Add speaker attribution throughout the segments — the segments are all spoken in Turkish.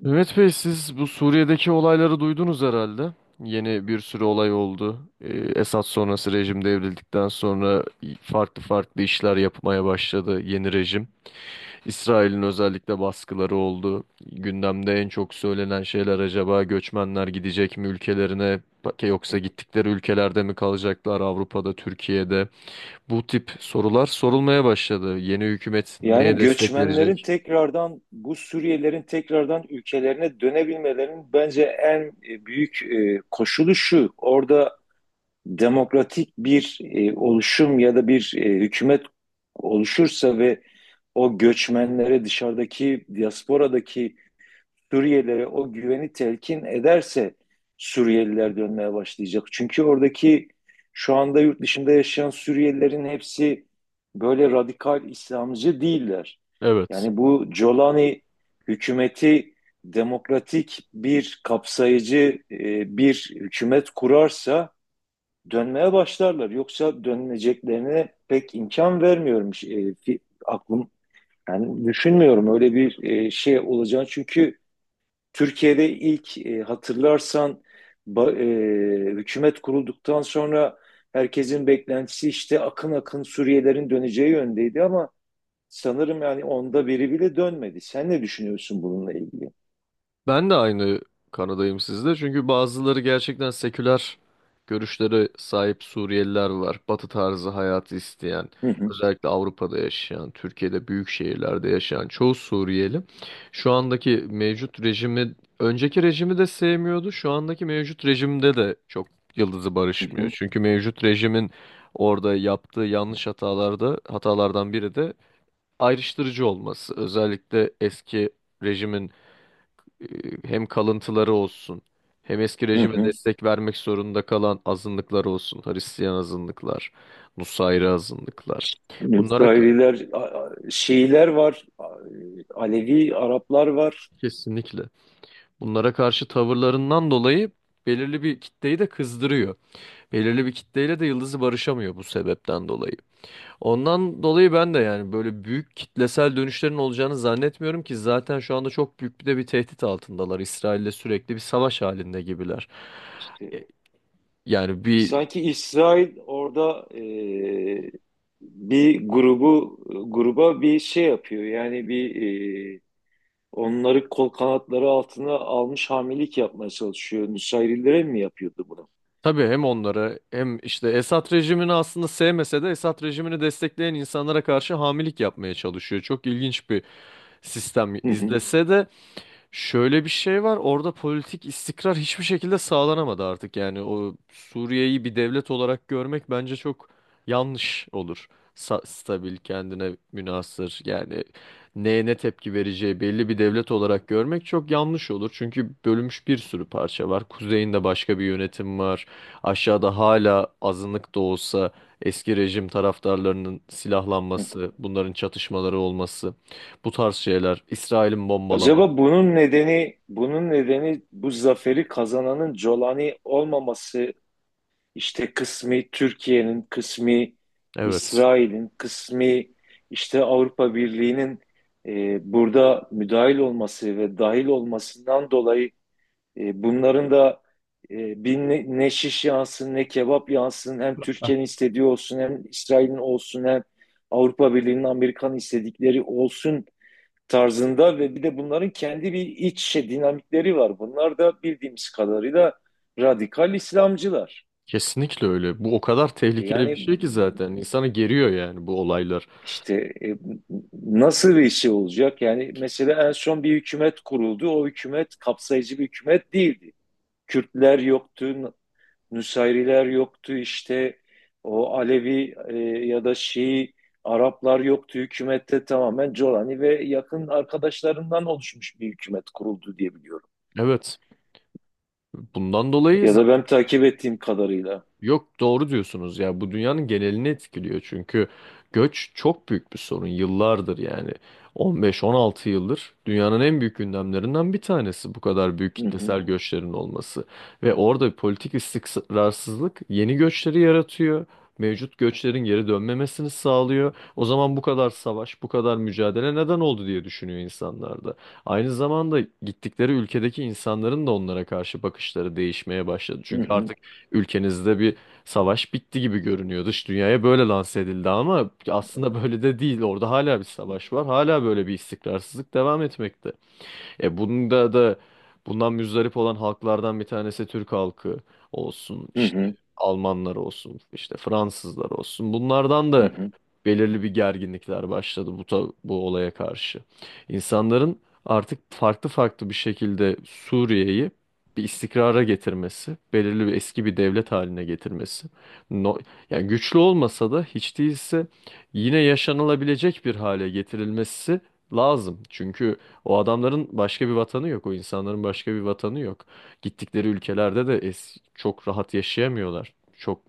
Speaker 1: Mehmet Bey siz bu Suriye'deki olayları duydunuz herhalde. Yeni bir sürü olay oldu. Esad sonrası rejim devrildikten sonra farklı farklı işler yapmaya başladı yeni rejim. İsrail'in özellikle baskıları oldu. Gündemde en çok söylenen şeyler acaba göçmenler gidecek mi ülkelerine yoksa gittikleri ülkelerde mi kalacaklar Avrupa'da, Türkiye'de? Bu tip sorular sorulmaya başladı. Yeni hükümet
Speaker 2: Yani
Speaker 1: neye destek
Speaker 2: göçmenlerin
Speaker 1: verecek?
Speaker 2: tekrardan bu Suriyelilerin tekrardan ülkelerine dönebilmelerinin bence en büyük koşulu şu. Orada demokratik bir oluşum ya da bir hükümet oluşursa ve o göçmenlere dışarıdaki diasporadaki Suriyelilere o güveni telkin ederse Suriyeliler dönmeye başlayacak. Çünkü oradaki şu anda yurt dışında yaşayan Suriyelilerin hepsi böyle radikal İslamcı değiller.
Speaker 1: Evet.
Speaker 2: Yani bu Jolani hükümeti demokratik bir kapsayıcı bir hükümet kurarsa dönmeye başlarlar. Yoksa dönmeyeceklerine pek imkan vermiyorum. Aklım yani düşünmüyorum öyle bir şey olacağını. Çünkü Türkiye'de ilk hatırlarsan, ba- hükümet kurulduktan sonra herkesin beklentisi işte akın akın Suriyelerin döneceği yöndeydi ama sanırım yani onda biri bile dönmedi. Sen ne düşünüyorsun bununla ilgili?
Speaker 1: Ben de aynı kanadayım sizde. Çünkü bazıları gerçekten seküler görüşlere sahip Suriyeliler var. Batı tarzı hayatı isteyen,
Speaker 2: Hı hı.
Speaker 1: özellikle Avrupa'da yaşayan, Türkiye'de büyük şehirlerde yaşayan çoğu Suriyeli şu andaki mevcut rejimi, önceki rejimi de sevmiyordu. Şu andaki mevcut rejimde de çok yıldızı
Speaker 2: Hı
Speaker 1: barışmıyor.
Speaker 2: hı.
Speaker 1: Çünkü mevcut rejimin orada yaptığı yanlış hatalardan biri de ayrıştırıcı olması. Özellikle eski rejimin e, hem kalıntıları olsun hem eski
Speaker 2: Hı
Speaker 1: rejime
Speaker 2: hı.
Speaker 1: destek vermek zorunda kalan azınlıklar olsun. Hristiyan azınlıklar, Nusayri azınlıklar. Bunlara ka-
Speaker 2: Müsraililer, Şiiler var, Alevi Araplar var.
Speaker 1: Kesinlikle bunlara karşı tavırlarından dolayı belirli bir kitleyi de kızdırıyor. Belirli bir kitleyle de Yıldız'ı barışamıyor bu sebepten dolayı. Ondan dolayı ben de yani böyle büyük kitlesel dönüşlerin olacağını zannetmiyorum ki zaten şu anda çok büyük bir de bir tehdit altındalar. İsrail'le sürekli bir savaş halinde gibiler.
Speaker 2: İşte
Speaker 1: E, Yani bir
Speaker 2: sanki İsrail orada bir grubu gruba bir şey yapıyor. Yani e, onları kol kanatları altına almış hamilelik yapmaya çalışıyor. Nusayrilere mi yapıyordu bunu?
Speaker 1: Tabii hem onları hem işte Esad rejimini aslında sevmese de Esad rejimini destekleyen insanlara karşı hamilik yapmaya çalışıyor. Çok ilginç bir sistem
Speaker 2: Hı hı.
Speaker 1: izlese de şöyle bir şey var orada politik istikrar hiçbir şekilde sağlanamadı artık yani o Suriye'yi bir devlet olarak görmek bence çok yanlış olur. Stabil kendine münhasır yani neye ne tepki vereceği belli bir devlet olarak görmek çok yanlış olur. Çünkü bölünmüş bir sürü parça var. Kuzeyinde başka bir yönetim var. Aşağıda hala azınlık da olsa eski rejim taraftarlarının
Speaker 2: Hı.
Speaker 1: silahlanması, bunların çatışmaları olması bu tarz şeyler, İsrail'in bombalaması.
Speaker 2: Acaba bunun nedeni bu zaferi kazananın Jolani olmaması, İşte kısmi Türkiye'nin, kısmi
Speaker 1: Evet.
Speaker 2: İsrail'in, kısmi işte Avrupa Birliği'nin burada müdahil olması ve dahil olmasından dolayı, bunların da ne şiş yansın ne kebap yansın, hem Türkiye'nin istediği olsun hem İsrail'in olsun hem Avrupa Birliği'nin Amerikan istedikleri olsun tarzında ve bir de bunların kendi bir iç dinamikleri var. Bunlar da bildiğimiz kadarıyla radikal İslamcılar.
Speaker 1: Kesinlikle öyle. Bu o kadar tehlikeli bir
Speaker 2: Yani
Speaker 1: şey ki zaten. İnsanı geriyor yani bu olaylar.
Speaker 2: işte e, nasıl bir şey olacak? Yani mesela en son bir hükümet kuruldu. O hükümet kapsayıcı bir hükümet değildi. Kürtler yoktu, Nusayriler yoktu, işte o Alevi ya da Şii Araplar yoktu. Hükümette tamamen Colani ve yakın arkadaşlarından oluşmuş bir hükümet kuruldu diye biliyorum.
Speaker 1: Evet. Bundan dolayı
Speaker 2: Ya da ben takip ettiğim kadarıyla.
Speaker 1: yok doğru diyorsunuz ya bu dünyanın genelini etkiliyor çünkü göç çok büyük bir sorun yıllardır yani 15-16 yıldır dünyanın en büyük gündemlerinden bir tanesi bu kadar büyük
Speaker 2: Hı hı.
Speaker 1: kitlesel göçlerin olması ve orada politik istikrarsızlık yeni göçleri yaratıyor, mevcut göçlerin geri dönmemesini sağlıyor. O zaman bu kadar savaş bu kadar mücadele neden oldu diye düşünüyor insanlar. Da aynı zamanda gittikleri ülkedeki insanların da onlara karşı bakışları değişmeye başladı
Speaker 2: Hı
Speaker 1: çünkü
Speaker 2: hı.
Speaker 1: artık ülkenizde bir savaş bitti gibi görünüyor. Dış dünyaya böyle lanse edildi ama aslında böyle de değil. Orada hala bir savaş var. Hala böyle bir istikrarsızlık devam etmekte. E bunda da bundan müzdarip olan halklardan bir tanesi Türk halkı olsun,
Speaker 2: Hı
Speaker 1: işte
Speaker 2: hı.
Speaker 1: Almanlar olsun, işte Fransızlar olsun. Bunlardan
Speaker 2: Hı
Speaker 1: da
Speaker 2: hı.
Speaker 1: belirli bir gerginlikler başladı bu olaya karşı. İnsanların artık farklı farklı bir şekilde Suriye'yi bir istikrara getirmesi, belirli bir eski bir devlet haline getirmesi. No, yani güçlü olmasa da hiç değilse yine yaşanılabilecek bir hale getirilmesi lazım. Çünkü o adamların başka bir vatanı yok. O insanların başka bir vatanı yok. Gittikleri ülkelerde de es çok rahat yaşayamıyorlar. Çok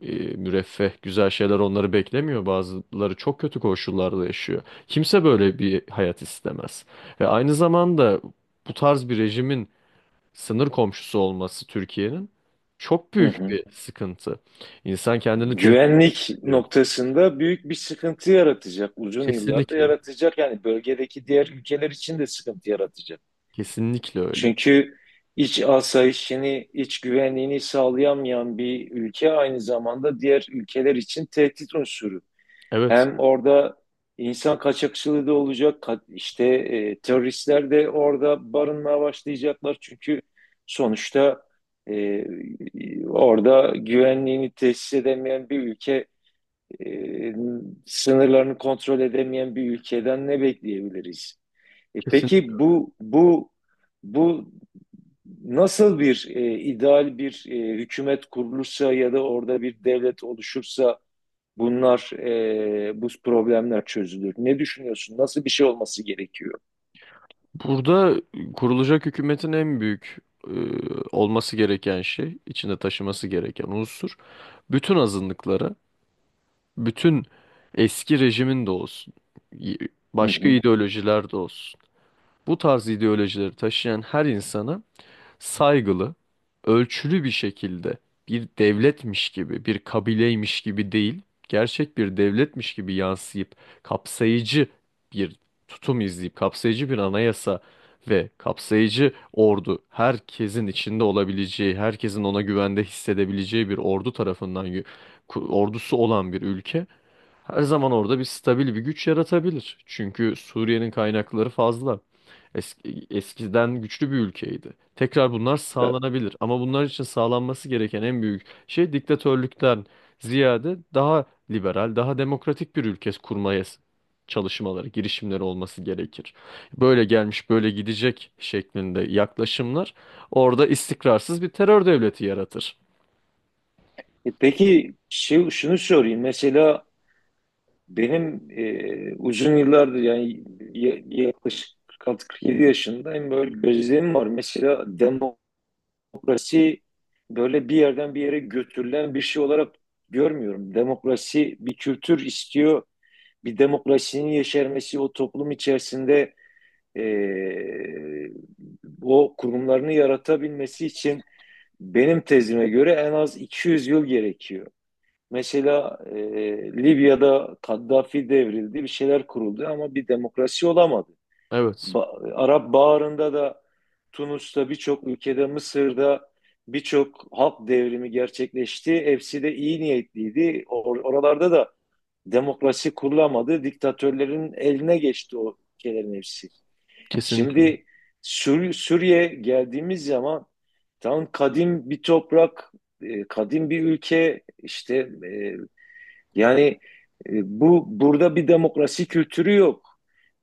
Speaker 1: müreffeh, güzel şeyler onları beklemiyor. Bazıları çok kötü koşullarda yaşıyor. Kimse böyle bir hayat istemez. Ve aynı zamanda bu tarz bir rejimin sınır komşusu olması Türkiye'nin çok
Speaker 2: Hı
Speaker 1: büyük
Speaker 2: hı.
Speaker 1: bir sıkıntı. İnsan kendini tehdit
Speaker 2: Güvenlik
Speaker 1: ediyor.
Speaker 2: noktasında büyük bir sıkıntı yaratacak. Uzun yıllarda
Speaker 1: Kesinlikle.
Speaker 2: yaratacak. Yani bölgedeki diğer ülkeler için de sıkıntı yaratacak.
Speaker 1: Kesinlikle öyle.
Speaker 2: Çünkü iç asayişini, iç güvenliğini sağlayamayan bir ülke aynı zamanda diğer ülkeler için tehdit unsuru.
Speaker 1: Evet.
Speaker 2: Hem orada insan kaçakçılığı da olacak, işte teröristler de orada barınmaya başlayacaklar. Çünkü sonuçta e, orada güvenliğini tesis edemeyen bir ülke, e, sınırlarını kontrol edemeyen bir ülkeden ne bekleyebiliriz? E,
Speaker 1: Kesin.
Speaker 2: peki bu nasıl, bir ideal bir hükümet kurulursa ya da orada bir devlet oluşursa bu problemler çözülür. Ne düşünüyorsun? Nasıl bir şey olması gerekiyor?
Speaker 1: Burada kurulacak hükümetin en büyük e, olması gereken şey, içinde taşıması gereken unsur, bütün azınlıklara, bütün eski rejimin de olsun, y-
Speaker 2: Hı
Speaker 1: başka
Speaker 2: hı.
Speaker 1: ideolojiler de olsun. Bu tarz ideolojileri taşıyan her insana saygılı, ölçülü bir şekilde bir devletmiş gibi, bir kabileymiş gibi değil, gerçek bir devletmiş gibi yansıyıp kapsayıcı bir tutum izleyip kapsayıcı bir anayasa ve kapsayıcı ordu herkesin içinde olabileceği, herkesin ona güvende hissedebileceği bir ordu tarafından ordusu olan bir ülke her zaman orada bir stabil bir güç yaratabilir. Çünkü Suriye'nin kaynakları fazla. Eski, eskiden güçlü bir ülkeydi. Tekrar bunlar sağlanabilir. Ama bunlar için sağlanması gereken en büyük şey diktatörlükten ziyade daha liberal, daha demokratik bir ülke kurmaya çalışmaları, girişimleri olması gerekir. Böyle gelmiş, böyle gidecek şeklinde yaklaşımlar orada istikrarsız bir terör devleti yaratır.
Speaker 2: Peki, şunu sorayım. Mesela benim, uzun yıllardır, yani yaklaşık 46-47 yaşındayım, böyle gözlemim var. Mesela demokrasi böyle bir yerden bir yere götürülen bir şey olarak görmüyorum. Demokrasi bir kültür istiyor. Bir demokrasinin yeşermesi o toplum içerisinde, e, o kurumlarını yaratabilmesi için, benim tezime göre en az 200 yıl gerekiyor. Mesela Libya'da Kaddafi devrildi, bir şeyler kuruldu ama bir demokrasi olamadı.
Speaker 1: Evet,
Speaker 2: Arap Baharı'nda da Tunus'ta, birçok ülkede, Mısır'da birçok halk devrimi gerçekleşti. Hepsi de iyi niyetliydi. Oralarda da demokrasi kurulamadı. Diktatörlerin eline geçti o ülkelerin hepsi. Şimdi Suriye geldiğimiz zaman, tam kadim bir toprak, kadim bir ülke, işte, e, yani, e, burada bir demokrasi kültürü yok.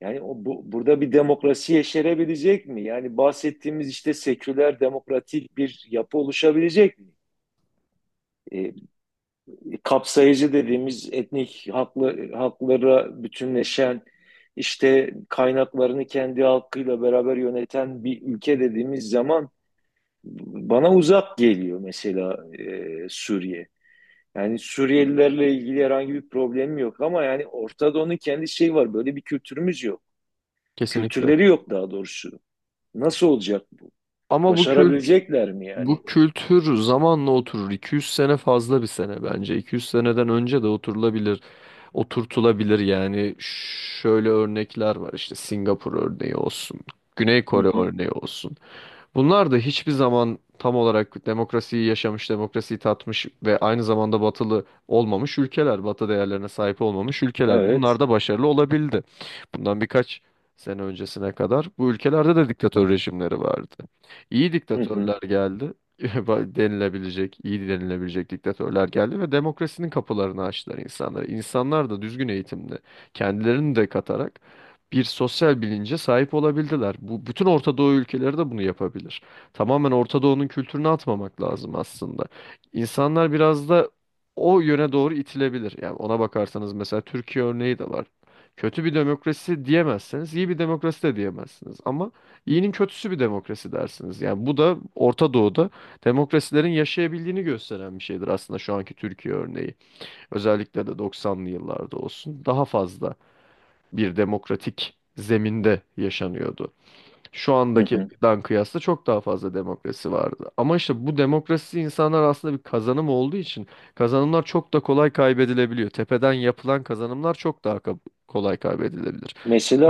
Speaker 2: Yani burada bir demokrasi yeşerebilecek mi? Yani bahsettiğimiz işte seküler demokratik bir yapı oluşabilecek mi? E, kapsayıcı dediğimiz, etnik haklara bütünleşen, işte kaynaklarını kendi halkıyla beraber yöneten bir ülke dediğimiz zaman, bana uzak geliyor mesela Suriye. Yani Suriyelilerle ilgili herhangi bir problemi yok ama yani Orta Doğu'nun kendi şeyi var. Böyle bir kültürümüz yok.
Speaker 1: kesinlikle.
Speaker 2: Kültürleri yok daha doğrusu. Nasıl olacak bu?
Speaker 1: Ama bu kült
Speaker 2: Başarabilecekler mi yani?
Speaker 1: bu kültür zamanla oturur. 200 sene fazla bir sene bence. 200 seneden önce de oturulabilir, oturtulabilir yani. Şöyle örnekler var işte Singapur örneği olsun, Güney
Speaker 2: Hı
Speaker 1: Kore
Speaker 2: hı.
Speaker 1: örneği olsun. Bunlar da hiçbir zaman tam olarak demokrasiyi yaşamış, demokrasiyi tatmış ve aynı zamanda batılı olmamış ülkeler, batı değerlerine sahip olmamış ülkeler. Bunlar
Speaker 2: Evet.
Speaker 1: da başarılı olabildi. Bundan birkaç sene öncesine kadar bu ülkelerde de diktatör rejimleri vardı. İyi
Speaker 2: Hı hı.
Speaker 1: diktatörler geldi, denilebilecek, iyi denilebilecek diktatörler geldi ve demokrasinin kapılarını açtılar insanlara. İnsanlar da düzgün eğitimle kendilerini de katarak bir sosyal bilince sahip olabildiler. Bu bütün Orta Doğu ülkeleri de bunu yapabilir. Tamamen Orta Doğu'nun kültürünü atmamak lazım aslında. İnsanlar biraz da o yöne doğru itilebilir. Yani ona bakarsanız mesela Türkiye örneği de var. Kötü bir demokrasi diyemezseniz, iyi bir demokrasi de diyemezsiniz. Ama iyinin kötüsü bir demokrasi dersiniz. Yani bu da Orta Doğu'da demokrasilerin yaşayabildiğini gösteren bir şeydir aslında şu anki Türkiye örneği. Özellikle de 90'lı yıllarda olsun. Daha fazla bir demokratik zeminde yaşanıyordu. Şu
Speaker 2: Hı hı.
Speaker 1: andakidan kıyasla çok daha fazla demokrasi vardı. Ama işte bu demokrasi insanlar aslında bir kazanım olduğu için kazanımlar çok da kolay kaybedilebiliyor. Tepeden yapılan kazanımlar çok daha kolay kaybedilebilir.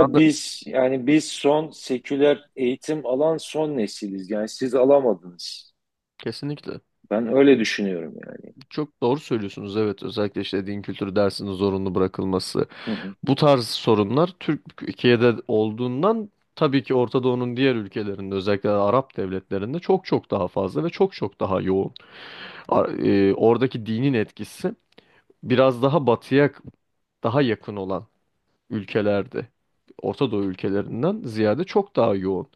Speaker 1: Ben de-
Speaker 2: biz, yani biz son seküler eğitim alan son nesiliz. Yani siz alamadınız.
Speaker 1: Kesinlikle.
Speaker 2: Ben öyle düşünüyorum yani.
Speaker 1: Çok doğru söylüyorsunuz. Evet, özellikle işte din kültürü dersinin zorunlu bırakılması.
Speaker 2: Hı hı.
Speaker 1: Bu tarz sorunlar Türkiye'de olduğundan tabii ki Orta Doğu'nun diğer ülkelerinde özellikle Arap devletlerinde çok çok daha fazla ve çok çok daha yoğun. Oradaki dinin etkisi biraz daha batıya daha yakın olan ülkelerde, Orta Doğu ülkelerinden ziyade çok daha yoğun.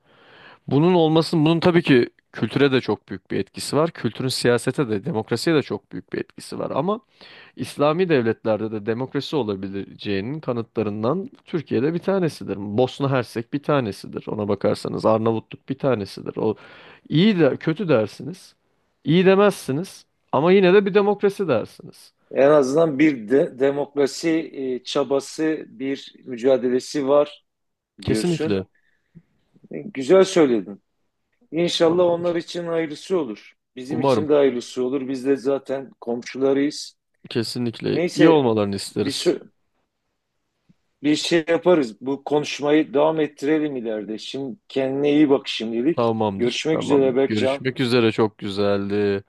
Speaker 1: Bunun olmasının, bunun tabii ki kültüre de çok büyük bir etkisi var. Kültürün siyasete de, demokrasiye de çok büyük bir etkisi var. Ama İslami devletlerde de demokrasi olabileceğinin kanıtlarından Türkiye'de bir tanesidir. Bosna Hersek bir tanesidir. Ona bakarsanız Arnavutluk bir tanesidir. O iyi de kötü dersiniz. İyi demezsiniz ama yine de bir demokrasi dersiniz.
Speaker 2: En azından bir de demokrasi çabası, bir mücadelesi var diyorsun.
Speaker 1: Kesinlikle.
Speaker 2: Güzel söyledin. İnşallah onlar
Speaker 1: Tamamdır.
Speaker 2: için hayırlısı olur. Bizim
Speaker 1: Umarım.
Speaker 2: için de hayırlısı olur. Biz de zaten komşularıyız.
Speaker 1: Kesinlikle iyi
Speaker 2: Neyse,
Speaker 1: olmalarını
Speaker 2: bir
Speaker 1: isteriz.
Speaker 2: şey, bir şey yaparız. Bu konuşmayı devam ettirelim ileride. Şimdi kendine iyi bak şimdilik.
Speaker 1: Tamamdır.
Speaker 2: Görüşmek
Speaker 1: Tamam.
Speaker 2: üzere Berkcan.
Speaker 1: Görüşmek üzere çok güzeldi.